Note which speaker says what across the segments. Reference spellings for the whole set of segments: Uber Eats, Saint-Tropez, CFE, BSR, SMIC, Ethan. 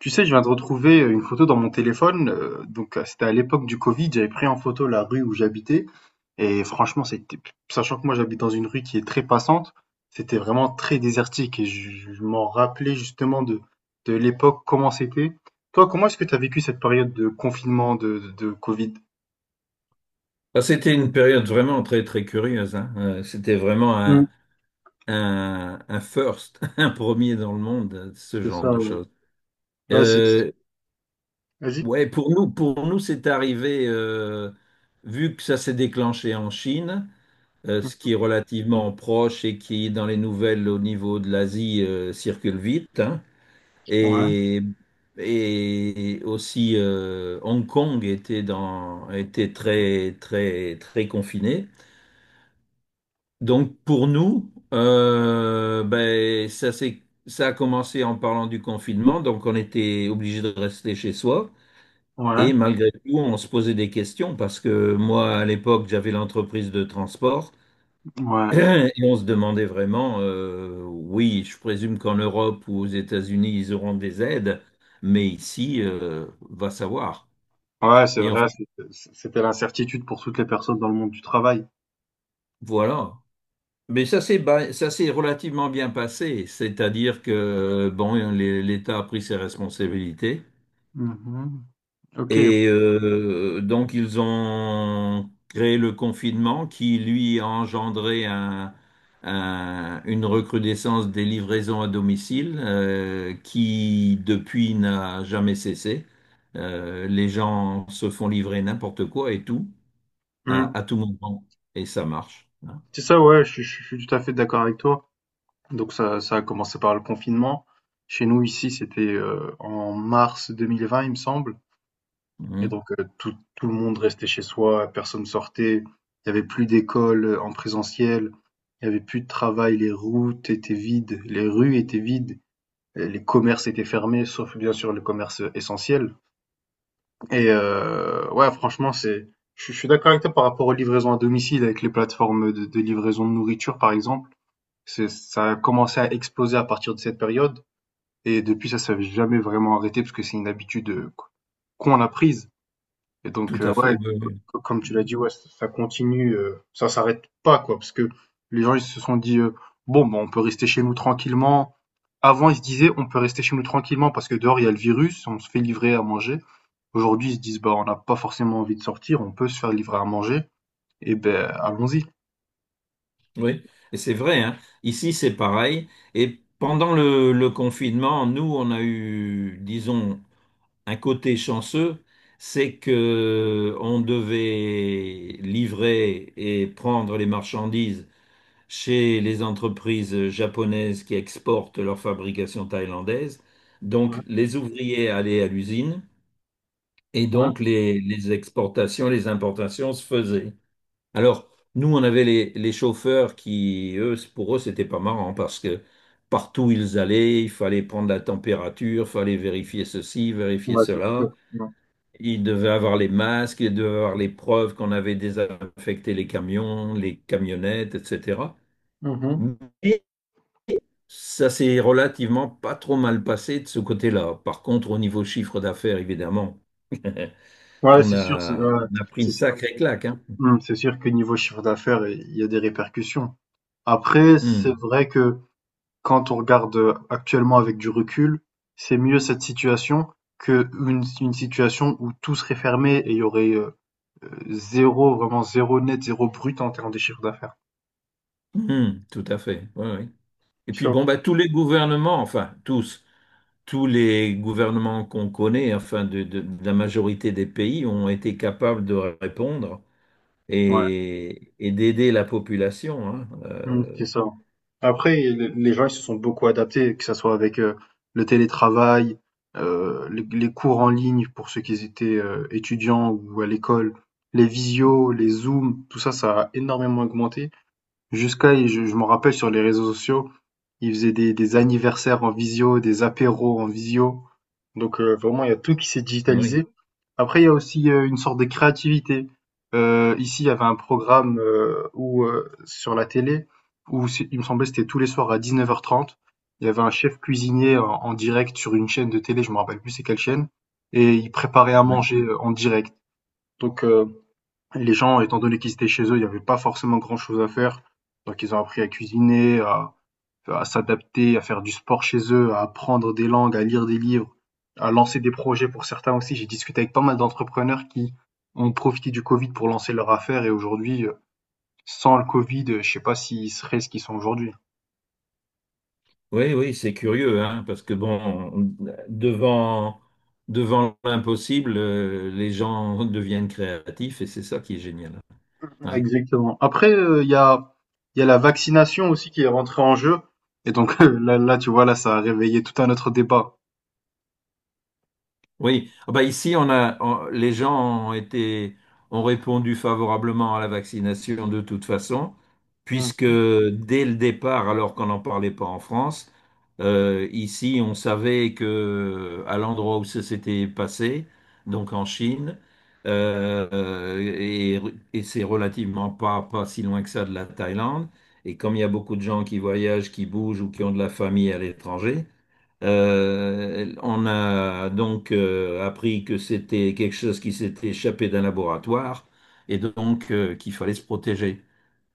Speaker 1: Tu sais, je viens de retrouver une photo dans mon téléphone. Donc, c'était à l'époque du Covid. J'avais pris en photo la rue où j'habitais. Et franchement, c'était, sachant que moi, j'habite dans une rue qui est très passante, c'était vraiment très désertique. Et je m'en rappelais justement de l'époque, comment c'était. Toi, comment est-ce que tu as vécu cette période de confinement, de Covid?
Speaker 2: Ah, c'était une période vraiment très très curieuse, hein. C'était vraiment
Speaker 1: Mm,
Speaker 2: un first, un premier dans le monde, ce
Speaker 1: c'est
Speaker 2: genre
Speaker 1: ça,
Speaker 2: de
Speaker 1: ouais.
Speaker 2: choses.
Speaker 1: Ouais, c'est,
Speaker 2: Euh,
Speaker 1: vas-y.
Speaker 2: ouais, pour nous, c'est arrivé vu que ça s'est déclenché en Chine, ce qui est relativement proche et qui dans les nouvelles au niveau de l'Asie circule vite, hein.
Speaker 1: Ouais.
Speaker 2: Et aussi Hong Kong était très très très confiné. Donc pour nous, ben, ça a commencé en parlant du confinement, donc on était obligé de rester chez soi. Et
Speaker 1: Ouais,
Speaker 2: malgré tout, on se posait des questions parce que moi, à l'époque, j'avais l'entreprise de transport
Speaker 1: ouais.
Speaker 2: et on se demandait vraiment, oui, je présume qu'en Europe ou aux États-Unis, ils auront des aides, mais ici, va savoir.
Speaker 1: Ouais, c'est
Speaker 2: Et enfin,
Speaker 1: vrai, c'était l'incertitude pour toutes les personnes dans le monde du travail.
Speaker 2: voilà. Mais ça s'est relativement bien passé, c'est-à-dire que bon, l'État a pris ses responsabilités
Speaker 1: Mhm. Ok.
Speaker 2: et donc ils ont créé le confinement qui lui a engendré une recrudescence des livraisons à domicile qui depuis n'a jamais cessé. Les gens se font livrer n'importe quoi et tout
Speaker 1: Mm.
Speaker 2: à tout moment et ça marche, hein.
Speaker 1: C'est ça, ouais, je suis tout à fait d'accord avec toi. Donc ça a commencé par le confinement. Chez nous, ici, c'était, en mars 2020, il me semble, et
Speaker 2: Mhm.
Speaker 1: donc tout le monde restait chez soi, personne sortait. Il y avait plus d'école, en présentiel, il y avait plus de travail, les routes étaient vides, les rues étaient vides, les commerces étaient fermés, sauf bien sûr les commerces essentiels, et ouais, franchement, c'est, je suis d'accord avec toi par rapport aux livraisons à domicile avec les plateformes de livraison de nourriture, par exemple. C'est, ça a commencé à exploser à partir de cette période et depuis ça ne s'est jamais vraiment arrêté parce que c'est une habitude, qu'on a prise. Et donc
Speaker 2: Tout à
Speaker 1: ouais,
Speaker 2: fait,
Speaker 1: c c
Speaker 2: oui,
Speaker 1: comme tu l'as
Speaker 2: oui.
Speaker 1: dit, ouais, ç ça continue, ça s'arrête pas, quoi, parce que les gens, ils se sont dit: «Bon, ben, on peut rester chez nous tranquillement». Avant, ils se disaient: «On peut rester chez nous tranquillement parce que dehors, il y a le virus, on se fait livrer à manger». Aujourd'hui, ils se disent: «Bah, on n'a pas forcément envie de sortir, on peut se faire livrer à manger et ben allons-y».
Speaker 2: Oui, et c'est vrai, hein. Ici, c'est pareil. Et pendant le confinement, nous, on a eu, disons, un côté chanceux, c'est que on devait livrer et prendre les marchandises chez les entreprises japonaises qui exportent leur fabrication thaïlandaise.
Speaker 1: Ouais,
Speaker 2: Donc, les ouvriers allaient à l'usine et
Speaker 1: ouais.
Speaker 2: donc les exportations, les importations se faisaient. Alors, nous, on avait les chauffeurs qui, eux, pour eux, c'était pas marrant parce que partout où ils allaient, il fallait prendre la température, fallait vérifier ceci, vérifier
Speaker 1: Ouais, c'est
Speaker 2: cela.
Speaker 1: sûr. Mmh.
Speaker 2: Ils devaient avoir les masques, ils devaient avoir les preuves qu'on avait désinfecté les camions, les camionnettes, etc.
Speaker 1: Mmh.
Speaker 2: Mais ça s'est relativement pas trop mal passé de ce côté-là. Par contre, au niveau chiffre d'affaires, évidemment,
Speaker 1: Ouais, c'est sûr, c'est, ouais,
Speaker 2: on a pris une
Speaker 1: c'est sûr,
Speaker 2: sacrée claque, hein.
Speaker 1: mmh, c'est sûr que niveau chiffre d'affaires, il y a des répercussions. Après, c'est
Speaker 2: Hum,
Speaker 1: vrai que quand on regarde actuellement avec du recul, c'est mieux cette situation que une situation où tout serait fermé et il y aurait zéro, vraiment zéro net, zéro brut en termes de chiffre d'affaires.
Speaker 2: tout à fait. Oui. Et puis
Speaker 1: Sure.
Speaker 2: bon, bah, tous les gouvernements, enfin tous, tous les gouvernements qu'on connaît, enfin de la majorité des pays, ont été capables de répondre
Speaker 1: Ouais.
Speaker 2: et d'aider la population, hein.
Speaker 1: Mmh, c'est ça. Après, les gens, ils se sont beaucoup adaptés, que ça soit avec le télétravail, les cours en ligne pour ceux qui étaient étudiants ou à l'école, les visios, les zooms, tout ça, ça a énormément augmenté. Jusqu'à, je m'en rappelle, sur les réseaux sociaux, ils faisaient des anniversaires en visio, des apéros en visio. Donc, vraiment, il y a tout qui s'est
Speaker 2: Oui.
Speaker 1: digitalisé. Après, il y a aussi, une sorte de créativité. Ici, il y avait un programme, où, sur la télé, où c'est, il me semblait que c'était tous les soirs à 19:30. Il y avait un chef cuisinier en direct sur une chaîne de télé, je me rappelle plus c'est quelle chaîne, et il préparait à
Speaker 2: Ouais.
Speaker 1: manger, en direct. Donc, les gens, étant donné qu'ils étaient chez eux, il n'y avait pas forcément grand-chose à faire. Donc ils ont appris à cuisiner, à s'adapter, à faire du sport chez eux, à apprendre des langues, à lire des livres, à lancer des projets pour certains aussi. J'ai discuté avec pas mal d'entrepreneurs qui ont profité du Covid pour lancer leur affaire et aujourd'hui, sans le Covid, je sais pas s'ils seraient ce qu'ils sont aujourd'hui.
Speaker 2: Oui, oui, c'est curieux, hein, parce que bon, on- devant, devant l'impossible, les gens deviennent créatifs et c'est ça qui est génial.
Speaker 1: Ouais,
Speaker 2: Ouais.
Speaker 1: exactement. Après, il y a la vaccination aussi qui est rentrée en jeu. Et donc là, là, tu vois, là, ça a réveillé tout un autre débat.
Speaker 2: Oui. Ah bah ici les gens ont été ont répondu favorablement à la vaccination de toute façon,
Speaker 1: Hmm.
Speaker 2: puisque dès le départ, alors qu'on n'en parlait pas en France, ici on savait que à l'endroit où ça s'était passé, donc en Chine, euh, euh, et, et c'est relativement pas pas si loin que ça de la Thaïlande, et comme il y a beaucoup de gens qui voyagent, qui bougent ou qui ont de la famille à l'étranger. On a donc appris que c'était quelque chose qui s'était échappé d'un laboratoire et donc qu'il fallait se protéger.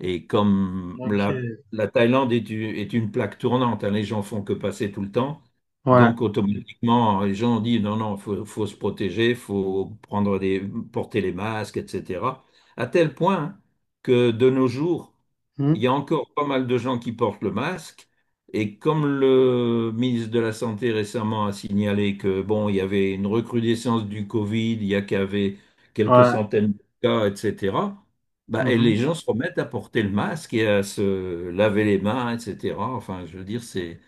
Speaker 2: Et comme
Speaker 1: Ok.
Speaker 2: la Thaïlande est une plaque tournante, hein, les gens font que passer tout le temps.
Speaker 1: Ouais.
Speaker 2: Donc automatiquement, les gens ont dit non, non, faut, faut se protéger, faut prendre des, porter les masques, etc. À tel point que de nos jours,
Speaker 1: Hmm.
Speaker 2: il y a encore pas mal de gens qui portent le masque. Et comme le ministre de la Santé récemment a signalé que bon, il y avait une recrudescence du Covid, il y a qu'avait quelques
Speaker 1: Ouais.
Speaker 2: centaines de cas, etc. Bah, et les
Speaker 1: Mmh.
Speaker 2: gens se remettent à porter le masque et à se laver les mains, etc. Enfin, je veux dire, c'est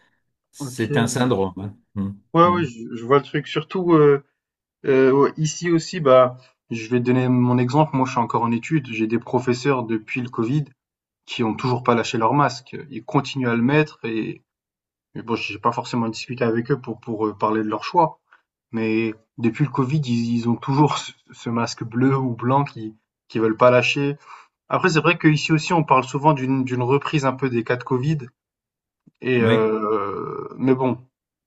Speaker 1: OK.
Speaker 2: c'est un syndrome, hein.
Speaker 1: Ouais, ouais, je vois le truc. Surtout, ouais, ici aussi, bah, je vais te donner mon exemple. Moi, je suis encore en études. J'ai des professeurs depuis le Covid qui ont toujours pas lâché leur masque. Ils continuent à le mettre et, mais bon, j'ai pas forcément discuté avec eux pour parler de leur choix. Mais depuis le Covid, ils ont toujours ce masque bleu ou blanc qui veulent pas lâcher. Après, c'est vrai qu'ici aussi, on parle souvent d'une reprise un peu des cas de Covid. Et
Speaker 2: Oui.
Speaker 1: mais bon,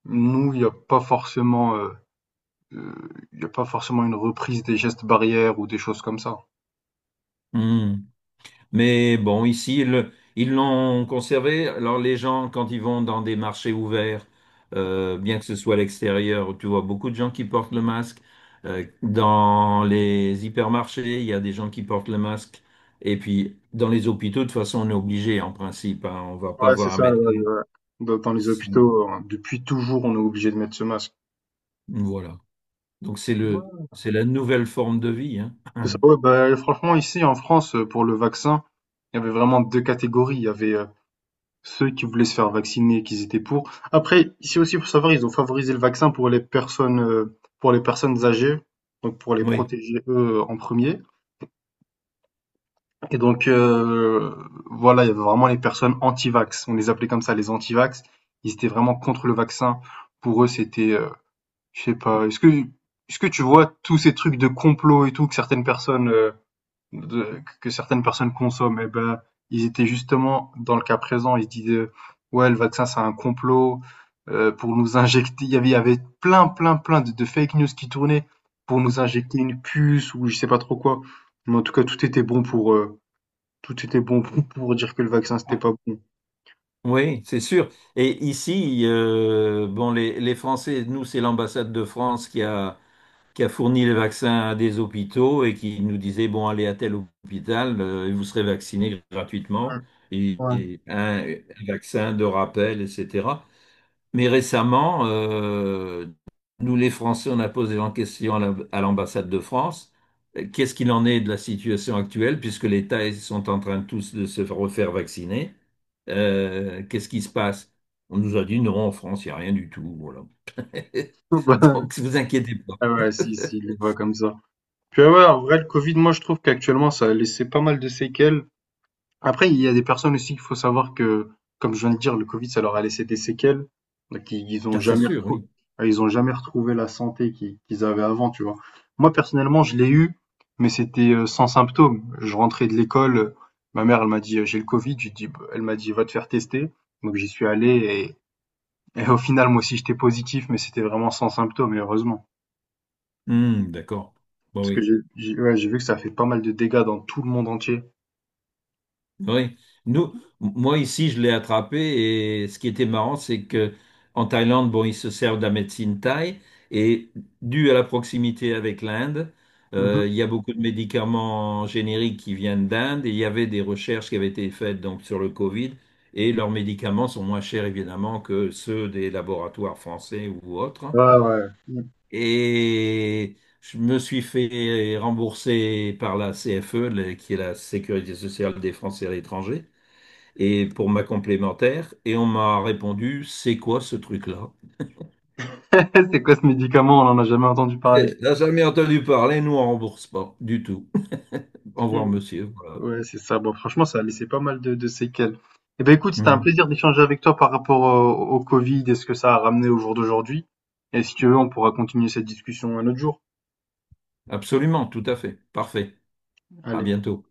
Speaker 1: nous, heu, il y a pas forcément une reprise des gestes barrières ou des choses comme ça.
Speaker 2: Hum. Mais bon, ici, ils l'ont conservé. Alors, les gens, quand ils vont dans des marchés ouverts, bien que ce soit à l'extérieur, tu vois beaucoup de gens qui portent le masque. Dans les hypermarchés, il y a des gens qui portent le masque. Et puis, dans les hôpitaux, de toute façon, on est obligé, en principe, hein. On va pas
Speaker 1: Ouais, c'est
Speaker 2: voir un
Speaker 1: ça, ouais,
Speaker 2: médecin
Speaker 1: ouais. Dans les
Speaker 2: sans-
Speaker 1: hôpitaux, depuis toujours, on est obligé de mettre ce masque.
Speaker 2: voilà. Donc
Speaker 1: Ouais.
Speaker 2: c'est la nouvelle forme de vie, hein.
Speaker 1: C'est ça, ouais, bah, franchement, ici, en France, pour le vaccin, il y avait vraiment 2 catégories. Il y avait, ceux qui voulaient se faire vacciner et qu'ils étaient pour. Après, ici aussi, faut savoir, ils ont favorisé le vaccin pour les personnes âgées, donc pour les
Speaker 2: Oui.
Speaker 1: protéger, eux, en premier. Et donc, voilà, il y avait vraiment les personnes anti-vax. On les appelait comme ça, les anti-vax. Ils étaient vraiment contre le vaccin. Pour eux, c'était, je sais pas, est-ce que tu vois tous ces trucs de complot et tout que certaines personnes, de que certaines personnes consomment? Eh ben, ils étaient justement dans le cas présent, ils se disaient: «Ouais, le vaccin, c'est un complot, pour nous injecter». Il y avait plein, plein, plein de fake news qui tournaient pour nous injecter une puce ou je sais pas trop quoi. Mais en tout cas, tout était bon pour dire que le vaccin, c'était
Speaker 2: Ah,
Speaker 1: pas bon.
Speaker 2: oui, c'est sûr. Et ici, bon, les Français, nous, c'est l'ambassade de France qui a fourni les vaccins à des hôpitaux et qui nous disait, bon, allez à tel hôpital, et vous serez vacciné gratuitement,
Speaker 1: Ouais,
Speaker 2: et un vaccin de rappel, etc. Mais récemment, nous les Français, on a posé en question à l'ambassade de France, qu'est-ce qu'il en est de la situation actuelle, puisque les Thaïs sont en train tous de se refaire vacciner. Qu'est-ce qui se passe? On nous a dit non, en France, il n'y a rien du tout. Voilà.
Speaker 1: bah,
Speaker 2: Donc, vous inquiétez pas.
Speaker 1: ah ouais, si, si, il est pas comme ça. Puis ah ouais, en vrai, le Covid, moi, je trouve qu'actuellement, ça a laissé pas mal de séquelles. Après, il y a des personnes aussi qu'il faut savoir que, comme je viens de dire, le Covid, ça leur a laissé des séquelles. Donc,
Speaker 2: Ah, c'est sûr, oui.
Speaker 1: ils ont jamais retrouvé la santé qu'ils avaient avant, tu vois. Moi, personnellement, je l'ai eu, mais c'était sans symptômes. Je rentrais de l'école, ma mère, elle m'a dit, j'ai le Covid. J'ai dit, bah, elle m'a dit, va te faire tester. Donc, j'y suis allé. Et au final, moi aussi, j'étais positif, mais c'était vraiment sans symptômes, et heureusement.
Speaker 2: Hmm, d'accord. Bon,
Speaker 1: Parce que
Speaker 2: oui.
Speaker 1: ouais, j'ai vu que ça fait pas mal de dégâts dans tout le monde entier.
Speaker 2: Oui, nous, moi ici, je l'ai attrapé et ce qui était marrant, c'est que en Thaïlande, bon, ils se servent de la médecine thaï et dû à la proximité avec l'Inde,
Speaker 1: Mhm.
Speaker 2: il y a beaucoup de médicaments génériques qui viennent d'Inde et il y avait des recherches qui avaient été faites donc sur le Covid et leurs médicaments sont moins chers évidemment que ceux des laboratoires français ou autres.
Speaker 1: Ouais, ouais.
Speaker 2: Et je me suis fait rembourser par la CFE, qui est la Sécurité sociale des Français à l'étranger et pour ma complémentaire, et on m'a répondu, c'est quoi ce truc-là?
Speaker 1: C'est quoi ce médicament? On en a jamais entendu parler.
Speaker 2: Eh, n'a jamais entendu parler, nous on rembourse pas du tout. Au
Speaker 1: Ok.
Speaker 2: revoir, monsieur. Voilà.
Speaker 1: Ouais, c'est ça. Bon, franchement, ça a laissé pas mal de séquelles. Eh ben, écoute, c'était un
Speaker 2: Mm.
Speaker 1: plaisir d'échanger avec toi par rapport au Covid et ce que ça a ramené au jour d'aujourd'hui. Et si tu veux, on pourra continuer cette discussion un autre jour.
Speaker 2: Absolument, tout à fait. Parfait. À
Speaker 1: Allez.
Speaker 2: bientôt.